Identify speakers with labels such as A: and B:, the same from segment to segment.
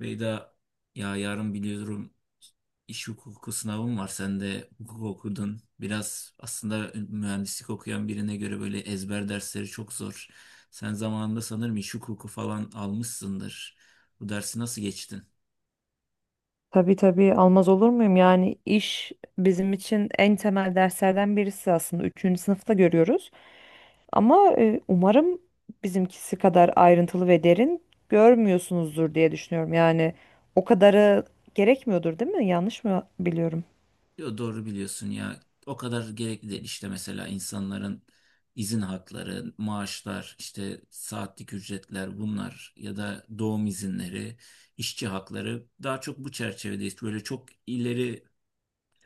A: Beyda, ya yarın biliyorum, iş hukuku sınavım var. Sen de hukuk okudun. Biraz aslında mühendislik okuyan birine göre böyle ezber dersleri çok zor. Sen zamanında sanırım iş hukuku falan almışsındır. Bu dersi nasıl geçtin?
B: Tabii tabii almaz olur muyum? Yani iş bizim için en temel derslerden birisi aslında. Üçüncü sınıfta görüyoruz. Ama umarım bizimkisi kadar ayrıntılı ve derin görmüyorsunuzdur diye düşünüyorum. Yani o kadarı gerekmiyordur, değil mi? Yanlış mı biliyorum?
A: Yo, doğru biliyorsun ya. O kadar gerekli değil. İşte mesela insanların izin hakları, maaşlar, işte saatlik ücretler bunlar ya da doğum izinleri, işçi hakları daha çok bu çerçevedeyiz. Böyle çok ileri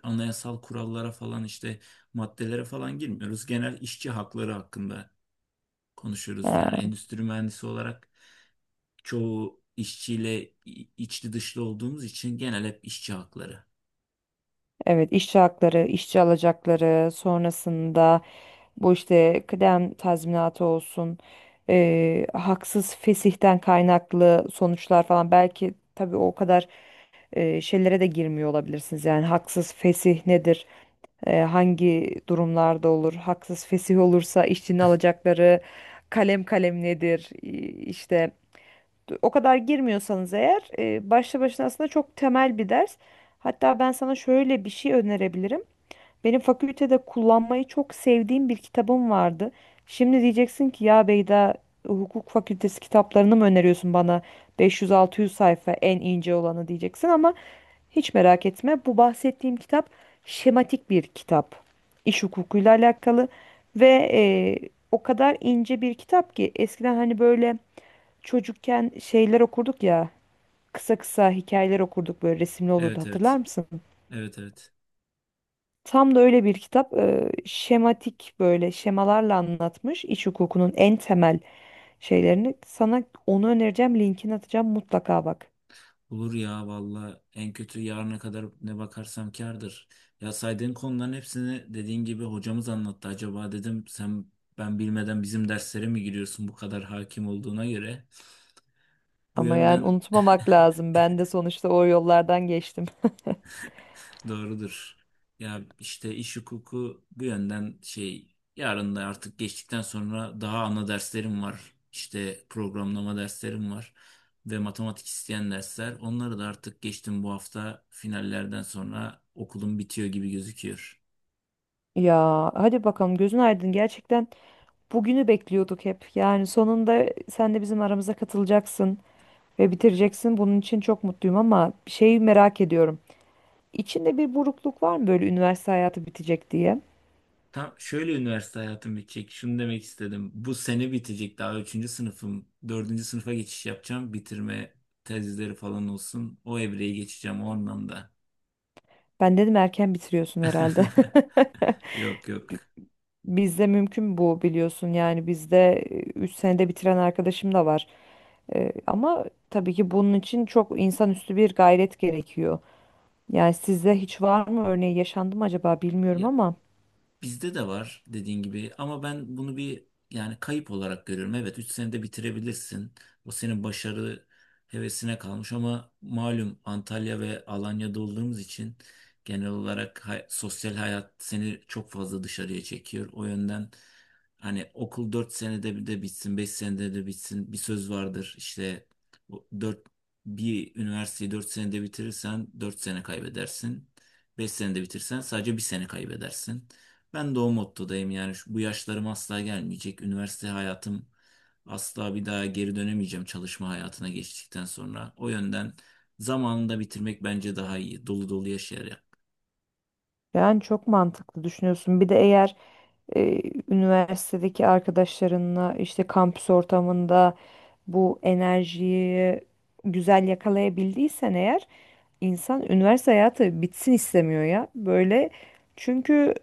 A: anayasal kurallara falan işte maddelere falan girmiyoruz. Genel işçi hakları hakkında konuşuyoruz. Yani
B: Ha.
A: endüstri mühendisi olarak çoğu işçiyle içli dışlı olduğumuz için genel hep işçi hakları.
B: Evet, işçi hakları, işçi alacakları, sonrasında bu işte kıdem tazminatı olsun, haksız fesihten kaynaklı sonuçlar falan belki tabii o kadar şeylere de girmiyor olabilirsiniz. Yani haksız fesih nedir? Hangi durumlarda olur? Haksız fesih olursa işçinin alacakları kalem kalem nedir? İşte o kadar girmiyorsanız eğer başlı başına aslında çok temel bir ders. Hatta ben sana şöyle bir şey önerebilirim. Benim fakültede kullanmayı çok sevdiğim bir kitabım vardı. Şimdi diyeceksin ki ya Beyda, hukuk fakültesi kitaplarını mı öneriyorsun bana 500-600 sayfa en ince olanı diyeceksin ama hiç merak etme, bu bahsettiğim kitap şematik bir kitap. İş hukukuyla alakalı ve o kadar ince bir kitap ki eskiden hani böyle çocukken şeyler okurduk ya, kısa kısa hikayeler okurduk, böyle resimli olurdu,
A: Evet,
B: hatırlar
A: evet.
B: mısın?
A: Evet, evet.
B: Tam da öyle bir kitap, şematik, böyle şemalarla anlatmış iç hukukunun en temel şeylerini. Sana onu önereceğim, linkini atacağım mutlaka, bak.
A: Olur ya, valla en kötü yarına kadar ne bakarsam kârdır. Ya saydığın konuların hepsini dediğin gibi hocamız anlattı. Acaba dedim sen ben bilmeden bizim derslere mi giriyorsun bu kadar hakim olduğuna göre. Bu
B: Ama yani
A: yönden
B: unutmamak lazım. Ben de sonuçta o yollardan geçtim.
A: doğrudur. Ya işte iş hukuku bu yönden şey, yarın da artık geçtikten sonra daha ana derslerim var. İşte programlama derslerim var ve matematik isteyen dersler. Onları da artık geçtim, bu hafta finallerden sonra okulum bitiyor gibi gözüküyor.
B: Ya hadi bakalım, gözün aydın gerçekten, bugünü bekliyorduk hep. Yani sonunda sen de bizim aramıza katılacaksın ve bitireceksin. Bunun için çok mutluyum ama bir şeyi merak ediyorum. İçinde bir burukluk var mı böyle, üniversite hayatı bitecek diye?
A: Tam şöyle üniversite hayatım bitecek. Şunu demek istedim. Bu sene bitecek. Daha üçüncü sınıfım. Dördüncü sınıfa geçiş yapacağım. Bitirme tezleri falan olsun. O evreyi geçeceğim o anlamda.
B: Ben dedim erken bitiriyorsun herhalde.
A: Yok, yok.
B: Bizde mümkün bu, biliyorsun, yani bizde 3 senede bitiren arkadaşım da var. Ama tabii ki bunun için çok insanüstü bir gayret gerekiyor. Yani sizde hiç var mı, örneği yaşandı mı acaba, bilmiyorum
A: Ya,
B: ama.
A: bizde de var dediğin gibi ama ben bunu bir, yani kayıp olarak görüyorum. Evet, 3 senede bitirebilirsin. O senin başarı hevesine kalmış ama malum Antalya ve Alanya'da olduğumuz için genel olarak sosyal hayat seni çok fazla dışarıya çekiyor. O yönden hani okul 4 senede bir de bitsin, 5 senede de bitsin, bir söz vardır. İşte o dört, bir üniversiteyi 4 senede bitirirsen 4 sene kaybedersin. 5 senede bitirsen sadece bir sene kaybedersin. Ben de o mottodayım yani bu yaşlarım asla gelmeyecek. Üniversite hayatım asla bir daha geri dönemeyeceğim çalışma hayatına geçtikten sonra. O yönden zamanında bitirmek bence daha iyi. Dolu dolu yaşayarak.
B: Yani çok mantıklı düşünüyorsun. Bir de eğer e, üniversitedeki arkadaşlarınla işte kampüs ortamında bu enerjiyi güzel yakalayabildiysen eğer, insan üniversite hayatı bitsin istemiyor ya. Böyle, çünkü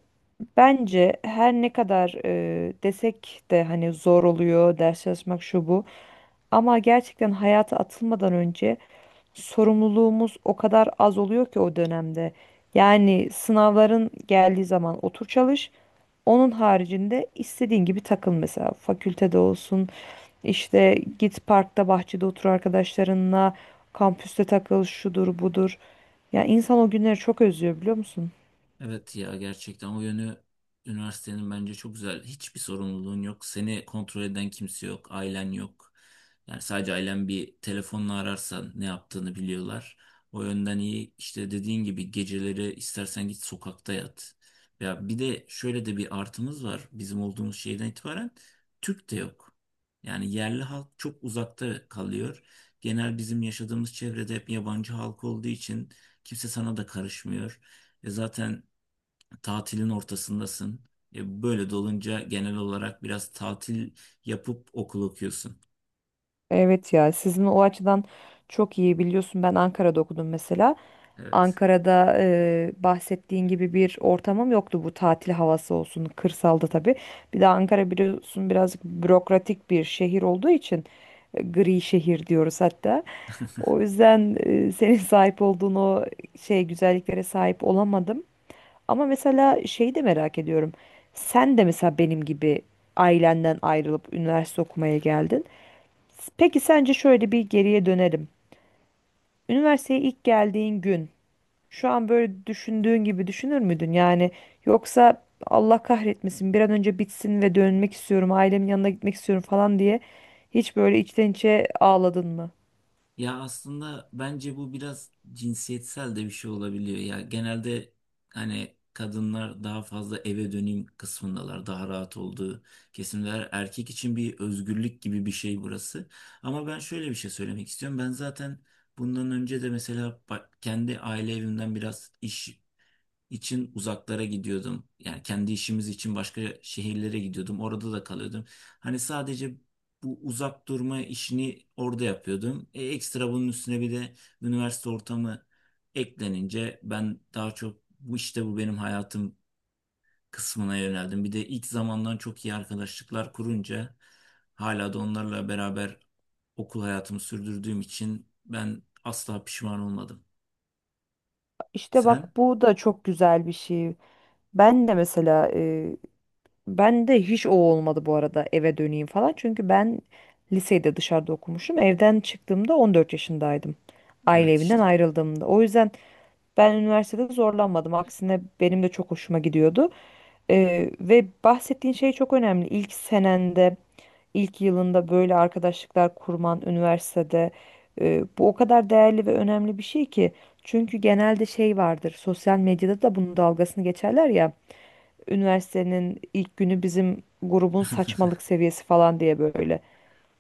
B: bence her ne kadar desek de hani, zor oluyor ders çalışmak şu bu, ama gerçekten hayata atılmadan önce sorumluluğumuz o kadar az oluyor ki o dönemde. Yani sınavların geldiği zaman otur çalış. Onun haricinde istediğin gibi takıl, mesela fakültede olsun, işte git parkta bahçede otur arkadaşlarınla, kampüste takıl, şudur budur. Ya insan o günleri çok özlüyor, biliyor musun?
A: Evet ya, gerçekten o yönü üniversitenin bence çok güzel. Hiçbir sorumluluğun yok. Seni kontrol eden kimse yok. Ailen yok. Yani sadece ailen bir telefonla ararsan ne yaptığını biliyorlar. O yönden iyi. İşte dediğin gibi geceleri istersen git sokakta yat. Ya bir de şöyle de bir artımız var. Bizim olduğumuz şehirden itibaren Türk de yok. Yani yerli halk çok uzakta kalıyor. Genel bizim yaşadığımız çevrede hep yabancı halk olduğu için kimse sana da karışmıyor. Zaten tatilin ortasındasın. Böyle de olunca genel olarak biraz tatil yapıp okul okuyorsun.
B: Evet ya, sizin o açıdan çok iyi, biliyorsun ben Ankara'da okudum mesela.
A: Evet.
B: Ankara'da bahsettiğin gibi bir ortamım yoktu, bu tatil havası olsun kırsalda tabii. Bir de Ankara biliyorsun birazcık bürokratik bir şehir olduğu için gri şehir diyoruz hatta. O yüzden senin sahip olduğun o şey güzelliklere sahip olamadım. Ama mesela şeyi de merak ediyorum. Sen de mesela benim gibi ailenden ayrılıp üniversite okumaya geldin. Peki sence şöyle bir geriye dönelim. Üniversiteye ilk geldiğin gün şu an böyle düşündüğün gibi düşünür müydün? Yani yoksa Allah kahretmesin bir an önce bitsin ve dönmek istiyorum, ailemin yanına gitmek istiyorum falan diye hiç böyle içten içe ağladın mı?
A: Ya aslında bence bu biraz cinsiyetsel de bir şey olabiliyor. Ya genelde hani kadınlar daha fazla eve döneyim kısmındalar. Daha rahat olduğu kesimler. Erkek için bir özgürlük gibi bir şey burası. Ama ben şöyle bir şey söylemek istiyorum. Ben zaten bundan önce de mesela kendi aile evimden biraz iş için uzaklara gidiyordum. Yani kendi işimiz için başka şehirlere gidiyordum. Orada da kalıyordum. Hani sadece bu uzak durma işini orada yapıyordum. Ekstra bunun üstüne bir de üniversite ortamı eklenince ben daha çok bu işte bu benim hayatım kısmına yöneldim. Bir de ilk zamandan çok iyi arkadaşlıklar kurunca hala da onlarla beraber okul hayatımı sürdürdüğüm için ben asla pişman olmadım.
B: İşte
A: Sen?
B: bak, bu da çok güzel bir şey. Ben de mesela ben de hiç o olmadı bu arada, eve döneyim falan. Çünkü ben lisede dışarıda okumuşum. Evden çıktığımda 14 yaşındaydım. Aile
A: Evet,
B: evinden
A: işte.
B: ayrıldığımda. O yüzden ben üniversitede zorlanmadım. Aksine benim de çok hoşuma gidiyordu. Ve bahsettiğin şey çok önemli. İlk senende, ilk yılında böyle arkadaşlıklar kurman üniversitede, bu o kadar değerli ve önemli bir şey ki. Çünkü genelde şey vardır. Sosyal medyada da bunun dalgasını geçerler ya. Üniversitenin ilk günü bizim grubun saçmalık seviyesi falan diye böyle.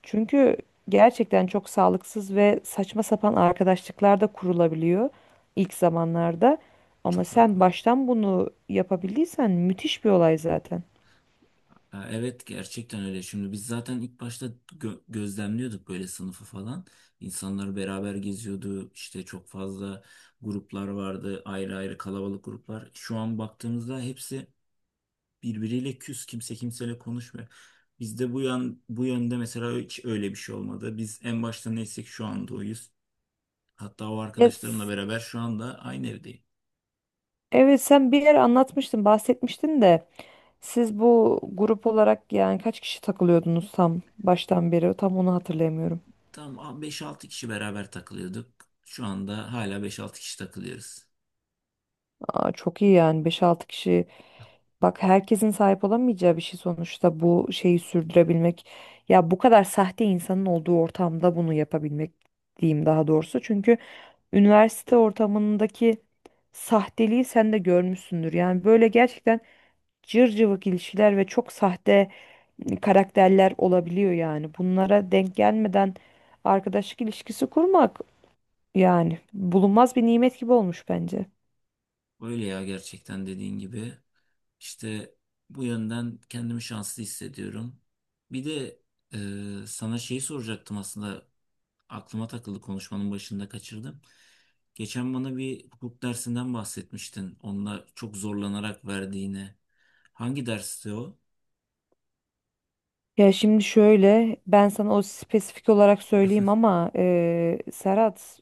B: Çünkü gerçekten çok sağlıksız ve saçma sapan arkadaşlıklar da kurulabiliyor ilk zamanlarda. Ama
A: Çok
B: sen
A: haklı.
B: baştan bunu yapabildiysen müthiş bir olay zaten.
A: Ha, evet, gerçekten öyle. Şimdi biz zaten ilk başta gözlemliyorduk böyle sınıfı falan. İnsanlar beraber geziyordu. İşte çok fazla gruplar vardı. Ayrı ayrı kalabalık gruplar. Şu an baktığımızda hepsi birbiriyle küs. Kimse kimseyle konuşmuyor. Bizde bu yönde mesela hiç öyle bir şey olmadı. Biz en başta neysek şu anda oyuz. Hatta o
B: Ya
A: arkadaşlarımla
B: s-
A: beraber şu anda aynı evdeyim.
B: evet sen bir yere anlatmıştın, bahsetmiştin de, siz bu grup olarak yani kaç kişi takılıyordunuz tam baştan beri? Tam onu hatırlayamıyorum.
A: Tam beş-altı kişi beraber takılıyorduk. Şu anda hala beş-altı kişi takılıyoruz.
B: Aa, çok iyi yani, beş altı kişi. Bak herkesin sahip olamayacağı bir şey sonuçta bu, şeyi sürdürebilmek. Ya bu kadar sahte insanın olduğu ortamda bunu yapabilmek diyeyim daha doğrusu. Çünkü üniversite ortamındaki sahteliği sen de görmüşsündür. Yani böyle gerçekten cır cıvık ilişkiler ve çok sahte karakterler olabiliyor yani. Bunlara denk gelmeden arkadaşlık ilişkisi kurmak yani bulunmaz bir nimet gibi olmuş bence.
A: Öyle ya, gerçekten dediğin gibi. İşte bu yönden kendimi şanslı hissediyorum. Bir de sana şeyi soracaktım aslında, aklıma takıldı konuşmanın başında kaçırdım. Geçen bana bir hukuk dersinden bahsetmiştin. Onunla çok zorlanarak verdiğini. Hangi dersti o?
B: Ya şimdi şöyle, ben sana o spesifik olarak söyleyeyim ama Serhat,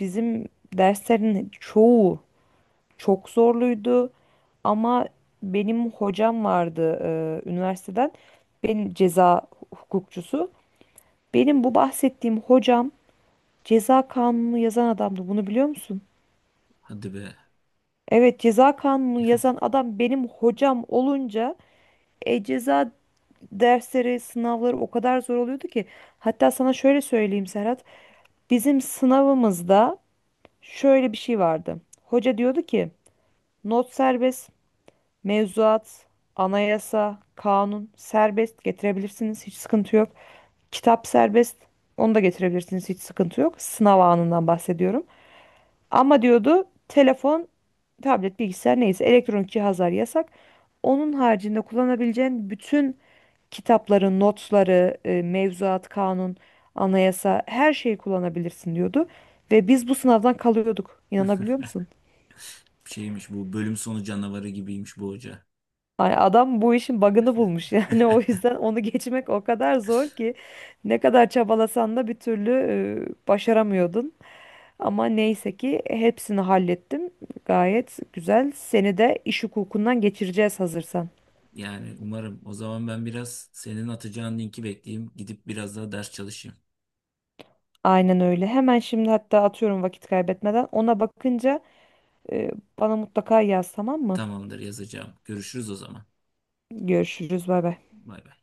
B: bizim derslerin çoğu çok zorluydu ama benim hocam vardı üniversiteden, benim ceza hukukçusu. Benim bu bahsettiğim hocam ceza kanunu yazan adamdı, bunu biliyor musun?
A: Hadi be,
B: Evet, ceza kanunu yazan adam benim hocam olunca ceza dersleri, sınavları o kadar zor oluyordu ki. Hatta sana şöyle söyleyeyim Serhat. Bizim sınavımızda şöyle bir şey vardı. Hoca diyordu ki not serbest, mevzuat, anayasa, kanun serbest getirebilirsiniz, hiç sıkıntı yok. Kitap serbest, onu da getirebilirsiniz, hiç sıkıntı yok. Sınav anından bahsediyorum. Ama diyordu telefon, tablet, bilgisayar neyse elektronik cihazlar yasak. Onun haricinde kullanabileceğin bütün kitapların notları, mevzuat, kanun, anayasa, her şeyi kullanabilirsin diyordu. Ve biz bu sınavdan kalıyorduk. İnanabiliyor musun?
A: şeymiş, bu bölüm sonu canavarı gibiymiş bu hoca.
B: Hani adam bu işin bug'ını bulmuş yani o yüzden onu geçmek o kadar zor ki, ne kadar çabalasan da bir türlü başaramıyordun. Ama neyse ki hepsini hallettim. Gayet güzel. Seni de iş hukukundan geçireceğiz hazırsan.
A: Yani umarım. O zaman ben biraz senin atacağın linki bekleyeyim. Gidip biraz daha ders çalışayım.
B: Aynen öyle. Hemen şimdi hatta atıyorum, vakit kaybetmeden. Ona bakınca e, bana mutlaka yaz, tamam mı?
A: Tamamdır, yazacağım. Görüşürüz o zaman.
B: Görüşürüz. Bay bay.
A: Bay bay.